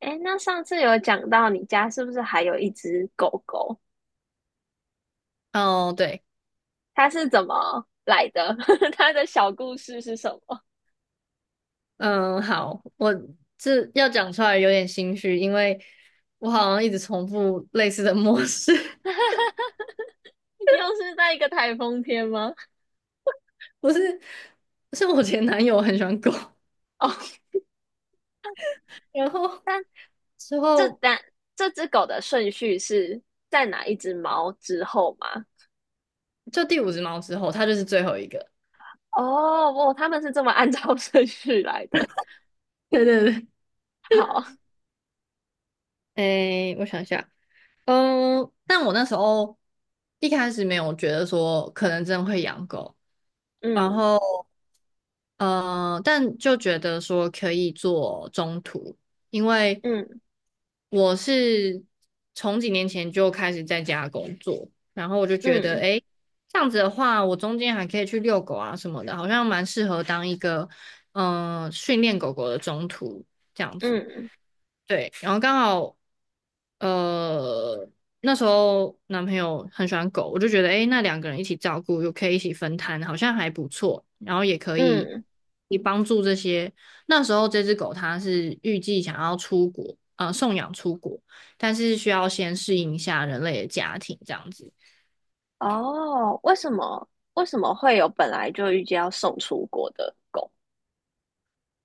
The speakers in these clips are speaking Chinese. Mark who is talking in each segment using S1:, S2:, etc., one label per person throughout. S1: 哎，那上次有讲到你家是不是还有一只狗狗？
S2: 哦，对，
S1: 它是怎么来的？它的小故事是什么？
S2: 嗯，好，我这要讲出来有点心虚，因为我好像一直重复类似的模式，
S1: 又是在一个台风天吗？
S2: 不是，是我前男友很喜欢狗，
S1: 哦，
S2: 然后
S1: 但
S2: 之
S1: 这
S2: 后
S1: 但这只狗的顺序是在哪一只猫之后吗？
S2: 就第五只猫之后，它就是最后一个。
S1: 哦，哦，他们是这么按照顺序来的。
S2: 对对对，
S1: 好，
S2: 诶，我想一下，嗯，但我那时候一开始没有觉得说可能真的会养狗。然
S1: 嗯
S2: 后。但就觉得说可以做中途，因为
S1: 嗯
S2: 我是从几年前就开始在家工作，然后我就觉得，
S1: 嗯
S2: 诶，这样子的话，我中间还可以去遛狗啊什么的，好像蛮适合当一个训练狗狗的中途这样子。
S1: 嗯
S2: 对，然后刚好。呃，那时候男朋友很喜欢狗，我就觉得，诶，那2个人一起照顾，又可以一起分摊，好像还不错。然后也可以，
S1: 嗯，
S2: 也帮助这些。那时候这只狗它是预计想要出国，送养出国，但是需要先适应一下人类的家庭这样子。
S1: 哦，为什么会有本来就预计要送出国的狗？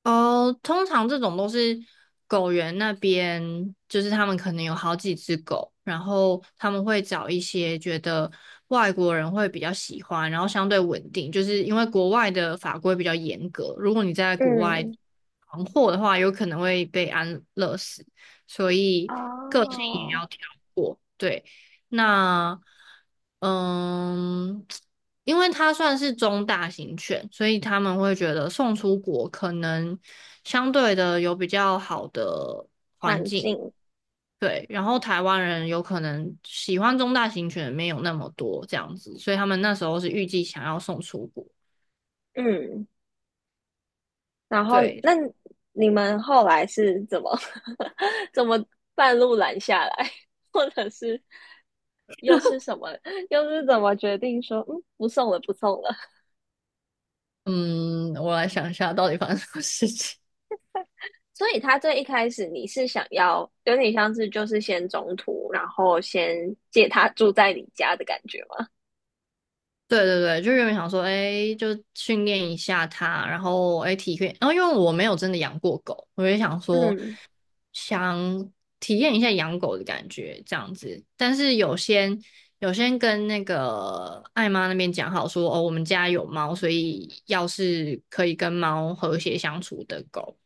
S2: 哦，通常这种都是狗园那边，就是他们可能有好几只狗，然后他们会找一些觉得外国人会比较喜欢，然后相对稳定，就是因为国外的法规比较严格，如果你在国外
S1: 嗯
S2: 闯祸的话，有可能会被安乐死，所以个性也
S1: 哦，
S2: 要挑过。对，那嗯。因为它算是中大型犬，所以他们会觉得送出国可能相对的有比较好的环
S1: 环
S2: 境，
S1: 境，
S2: 对。然后台湾人有可能喜欢中大型犬没有那么多这样子，所以他们那时候是预计想要送出国。
S1: 嗯，然后
S2: 对，
S1: 那你们后来是怎么 怎么半路拦下来，或者是又是什么，又是怎么决定说，嗯，不送了，不送了？
S2: 嗯，我来想一下到底发生什么事情。
S1: 所以他最一开始你是想要有点像是就是先中途，然后先借他住在你家的感觉吗？
S2: 对对对，就原本想说，哎，就训练一下它，然后哎体验，然后因为我没有真的养过狗，我就想说
S1: 嗯
S2: 想体验一下养狗的感觉这样子，但是有先跟那个艾妈那边讲好说，哦，我们家有猫，所以要是可以跟猫和谐相处的狗，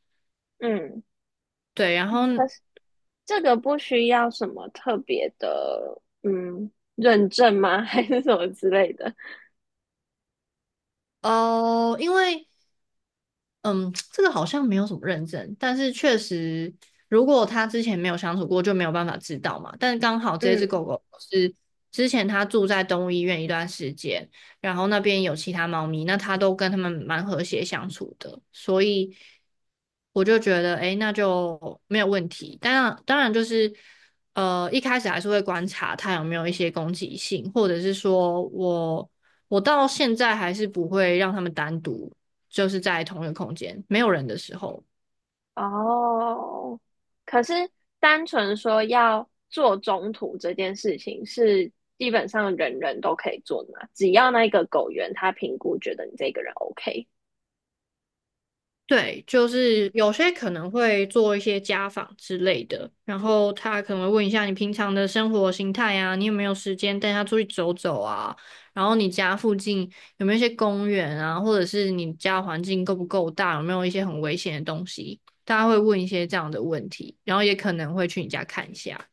S1: 嗯，
S2: 对，然后
S1: 可是这个不需要什么特别的，认证吗？还是什么之类的？
S2: 哦，因为嗯，这个好像没有什么认证，但是确实，如果他之前没有相处过，就没有办法知道嘛。但是刚好这只
S1: 嗯
S2: 狗狗是之前它住在动物医院一段时间，然后那边有其他猫咪，那它都跟它们蛮和谐相处的，所以我就觉得，诶，那就没有问题。但当然就是，一开始还是会观察它有没有一些攻击性，或者是说我到现在还是不会让它们单独。就是在同一个空间没有人的时候。
S1: 哦，可是单纯说要做中途这件事情，是基本上人人都可以做的嘛？只要那个狗员他评估觉得你这个人 OK。
S2: 对，就是有些可能会做一些家访之类的，然后他可能会问一下你平常的生活形态啊，你有没有时间带他出去走走啊？然后你家附近有没有一些公园啊，或者是你家环境够不够大，有没有一些很危险的东西？大家会问一些这样的问题，然后也可能会去你家看一下。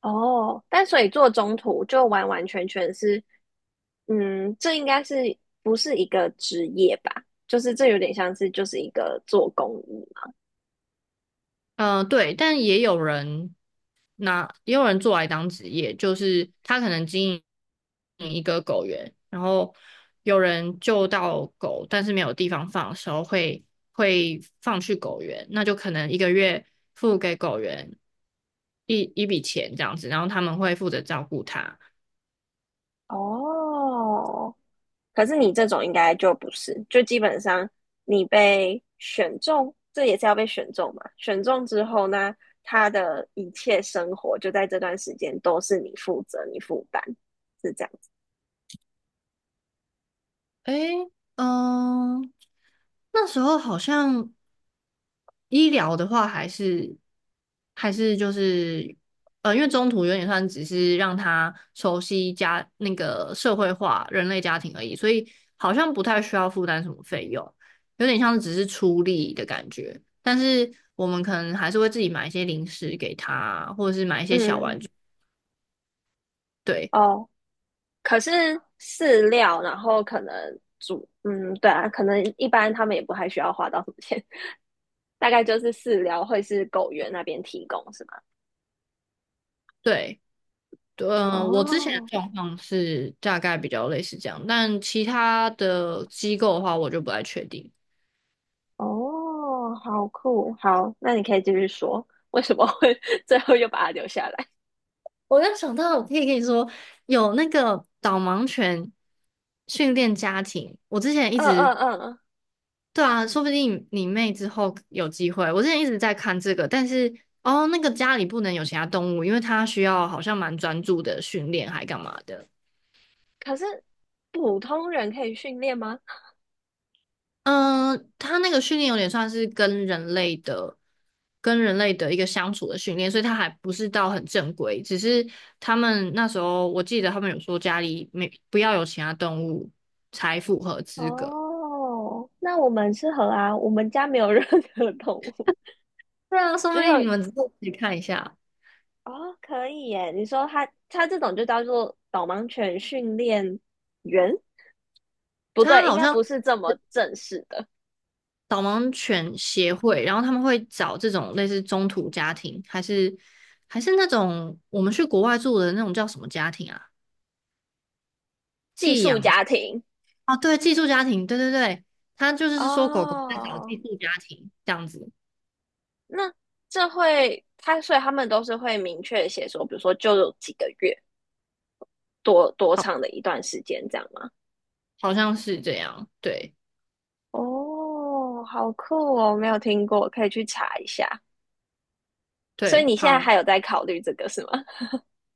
S1: 哦，但所以做中途就完完全全是，嗯，这应该是不是一个职业吧？就是这有点像是就是一个做公益嘛。
S2: 对，但也有人做来当职业，就是他可能经营一个狗园，然后有人救到狗，但是没有地方放的时候会放去狗园，那就可能一个月付给狗园一笔钱这样子，然后他们会负责照顾它。
S1: 哦，可是你这种应该就不是，就基本上你被选中，这也是要被选中嘛。选中之后呢，他的一切生活就在这段时间都是你负责、你负担，是这样子。
S2: 诶，嗯、那时候好像。医疗的话，还是就是，因为中途有点算只是让他熟悉家那个社会化人类家庭而已，所以好像不太需要负担什么费用，有点像是只是出力的感觉。但是我们可能还是会自己买一些零食给他，或者是买一些小
S1: 嗯，
S2: 玩具。对
S1: 哦，可是饲料，然后可能煮，嗯，对啊，可能一般他们也不太需要花到什么钱，大概就是饲料会是狗园那边提供，是吗？
S2: 对，我之前的
S1: 哦。
S2: 状况是大概比较类似这样，但其他的机构的话，我就不太确定。
S1: 哦，好酷，好，那你可以继续说，为什么会 最后又把它留下来？
S2: 我刚想到，我可以跟你说，有那个导盲犬训练家庭，我之前一
S1: 嗯
S2: 直，
S1: 嗯嗯，
S2: 对啊，说不定你妹之后有机会。我之前一直在看这个，但是哦，那个家里不能有其他动物，因为它需要好像蛮专注的训练，还干嘛的。
S1: 可是普通人可以训练吗？
S2: 嗯，他那个训练有点算是跟人类的、跟人类的一个相处的训练，所以他还不是到很正规。只是他们那时候，我记得他们有说家里没不要有其他动物才符合资格。
S1: 哦，那我们适合啊，我们家没有任何动物，
S2: 对啊，说
S1: 只
S2: 不定
S1: 有
S2: 你们自己看一下。
S1: 哦，可以耶。你说它这种就叫做导盲犬训练员？不对，
S2: 他
S1: 应
S2: 好
S1: 该
S2: 像
S1: 不是这么正式的
S2: 导盲犬协会，然后他们会找这种类似中途家庭，还是那种我们去国外住的那种叫什么家庭啊？
S1: 寄
S2: 寄
S1: 宿
S2: 养。
S1: 家庭。
S2: 哦，对，寄宿家庭，对对对，他就是说狗狗在找寄
S1: 哦，
S2: 宿家庭这样子，
S1: 那这会，他所以他们都是会明确写说，比如说就有几个月，多长的一段时间这样吗？
S2: 好像是这样，对
S1: 哦，好酷哦，没有听过，可以去查一下。所以
S2: 对，
S1: 你现在
S2: 好，
S1: 还有在考虑这个是吗？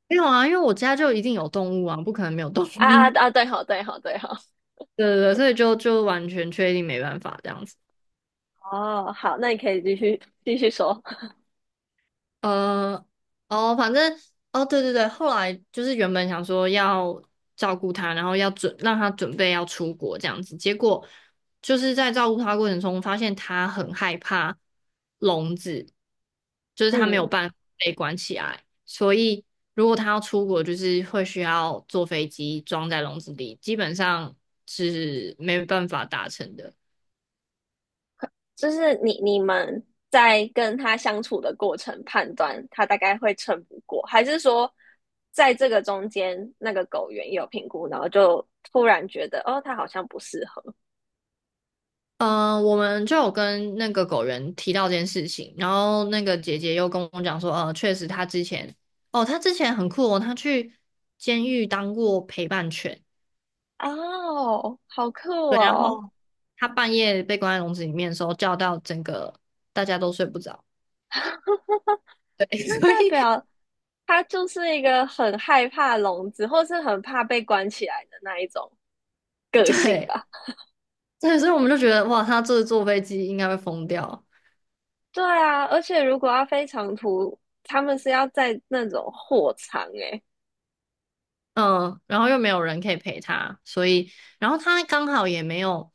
S2: 没有啊，因为我家就一定有动物啊，不可能没有动物，
S1: 啊啊 啊！对好，对好，对好。
S2: 对对对，所以就完全确定没办法这样子。
S1: 哦，好，那你可以继续说。
S2: 呃，哦，反正，哦，对对对，后来就是原本想说要照顾他，然后要准让他准备要出国这样子，结果就是在照顾他过程中，发现他很害怕笼子，就是他没有
S1: 嗯，
S2: 办法被关起来，所以如果他要出国，就是会需要坐飞机装在笼子里，基本上是没办法达成的。
S1: 就是你们在跟他相处的过程判断他大概会撑不过，还是说在这个中间那个狗员有评估，然后就突然觉得哦，他好像不适合
S2: 嗯，我们就有跟那个狗人提到这件事情，然后那个姐姐又跟我讲说，确实她之前，哦，她之前很酷哦，她去监狱当过陪伴犬，
S1: 哦，好酷
S2: 对，然
S1: 哦，
S2: 后她半夜被关在笼子里面的时候，叫到整个大家都睡不着，对，
S1: 那
S2: 所
S1: 代
S2: 以
S1: 表他就是一个很害怕笼子，或是很怕被关起来的那一种个性
S2: 对
S1: 吧？
S2: 对，所以我们就觉得哇，她这坐飞机应该会疯掉。
S1: 对啊，而且如果要飞长途，他们是要在那种货场诶、
S2: 嗯，然后又没有人可以陪他，所以，然后他刚好也没有，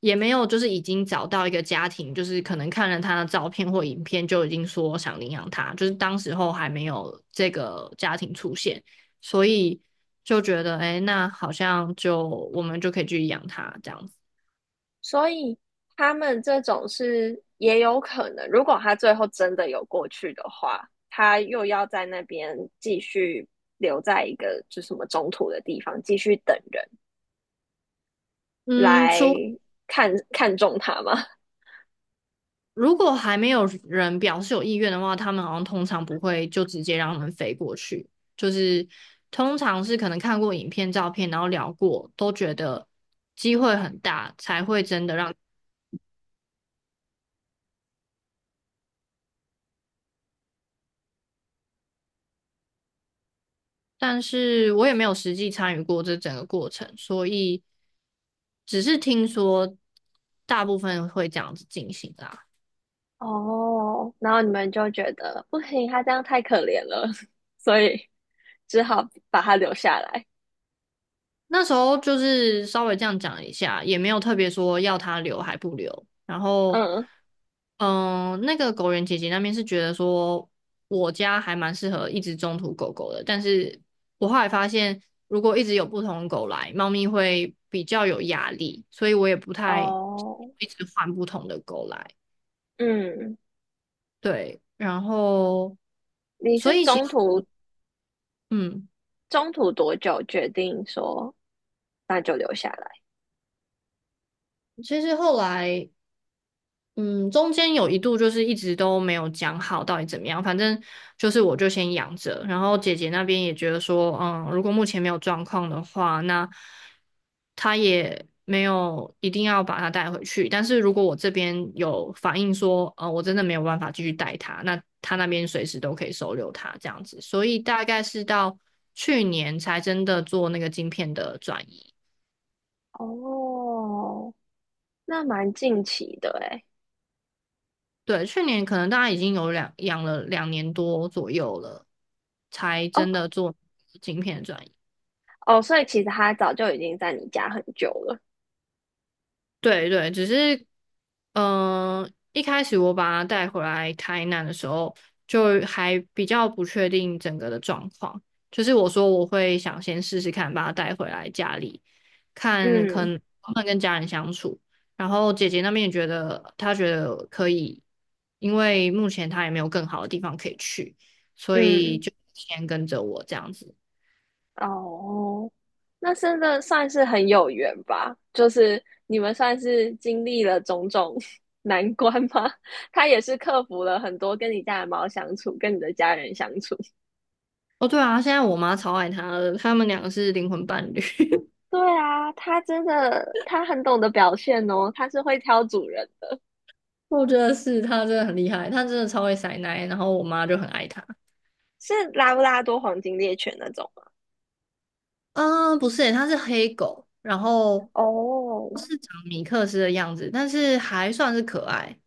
S2: 就是已经找到一个家庭，就是可能看了他的照片或影片就已经说想领养他，就是当时候还没有这个家庭出现，所以就觉得，哎，那好像就我们就可以去养他这样子。
S1: 所以他们这种是也有可能，如果他最后真的有过去的话，他又要在那边继续留在一个就什么中途的地方，继续等人
S2: 嗯，
S1: 来看看中他嘛。
S2: 如果还没有人表示有意愿的话，他们好像通常不会就直接让他们飞过去，就是通常是可能看过影片、照片，然后聊过，都觉得机会很大，才会真的让。但是我也没有实际参与过这整个过程，所以只是听说大部分会这样子进行啦。
S1: 哦，然后你们就觉得不行，他这样太可怜了，所以只好把他留下来。
S2: 那时候就是稍微这样讲一下，也没有特别说要它留还不留。然后，
S1: 嗯，
S2: 嗯，那个狗园姐姐那边是觉得说我家还蛮适合一直中途狗狗的，但是我后来发现，如果一直有不同的狗来，猫咪会比较有压力，所以我也不太
S1: 哦，
S2: 一直换不同的狗来。
S1: 嗯，
S2: 对，然后，
S1: 你
S2: 所
S1: 是
S2: 以其实，
S1: 中途
S2: 嗯，
S1: 多久决定说那就留下来？
S2: 其实后来嗯，中间有一度就是一直都没有讲好到底怎么样，反正就是我就先养着，然后姐姐那边也觉得说，嗯，如果目前没有状况的话，那她也没有一定要把它带回去，但是如果我这边有反映说，我真的没有办法继续带它，那她那边随时都可以收留它这样子，所以大概是到去年才真的做那个晶片的转移。
S1: 哦，那蛮近期的诶。
S2: 对，去年可能大家已经有两养了2年多左右了，才
S1: 哦
S2: 真的做晶片的转移。
S1: 哦，所以其实他早就已经在你家很久了。
S2: 对对，只是，一开始我把它带回来台南的时候，就还比较不确定整个的状况。就是我说我会想先试试看，把它带回来家里，看可
S1: 嗯
S2: 能能不能跟家人相处。然后姐姐那边也觉得，她觉得可以，因为目前她也没有更好的地方可以去，所以
S1: 嗯，
S2: 就先跟着我这样子。
S1: 哦，那真的算是很有缘吧？就是你们算是经历了种种 难关吗？他也是克服了很多跟你家的猫相处，跟你的家人相处。
S2: 哦，对啊，现在我妈超爱他的，他们两个是灵魂伴侣。
S1: 对啊，它真的，它很懂得表现哦，它是会挑主人的，
S2: 我觉得是他真的很厉害，他真的超会塞奶，然后我妈就很爱他。
S1: 是拉布拉多黄金猎犬那种吗
S2: 啊，不是他是黑狗，然后
S1: 哦，
S2: 是长米克斯的样子，但是还算是可爱。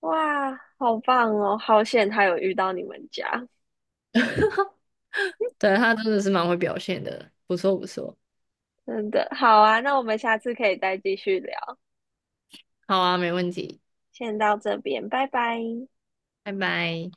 S1: 哇，好棒哦！好险他有遇到你们家，
S2: 对，他真的是蛮会表现的，不错不错。
S1: 真的好啊。那我们下次可以再继续聊，
S2: 好啊，没问题，
S1: 先到这边，拜拜。
S2: 拜拜。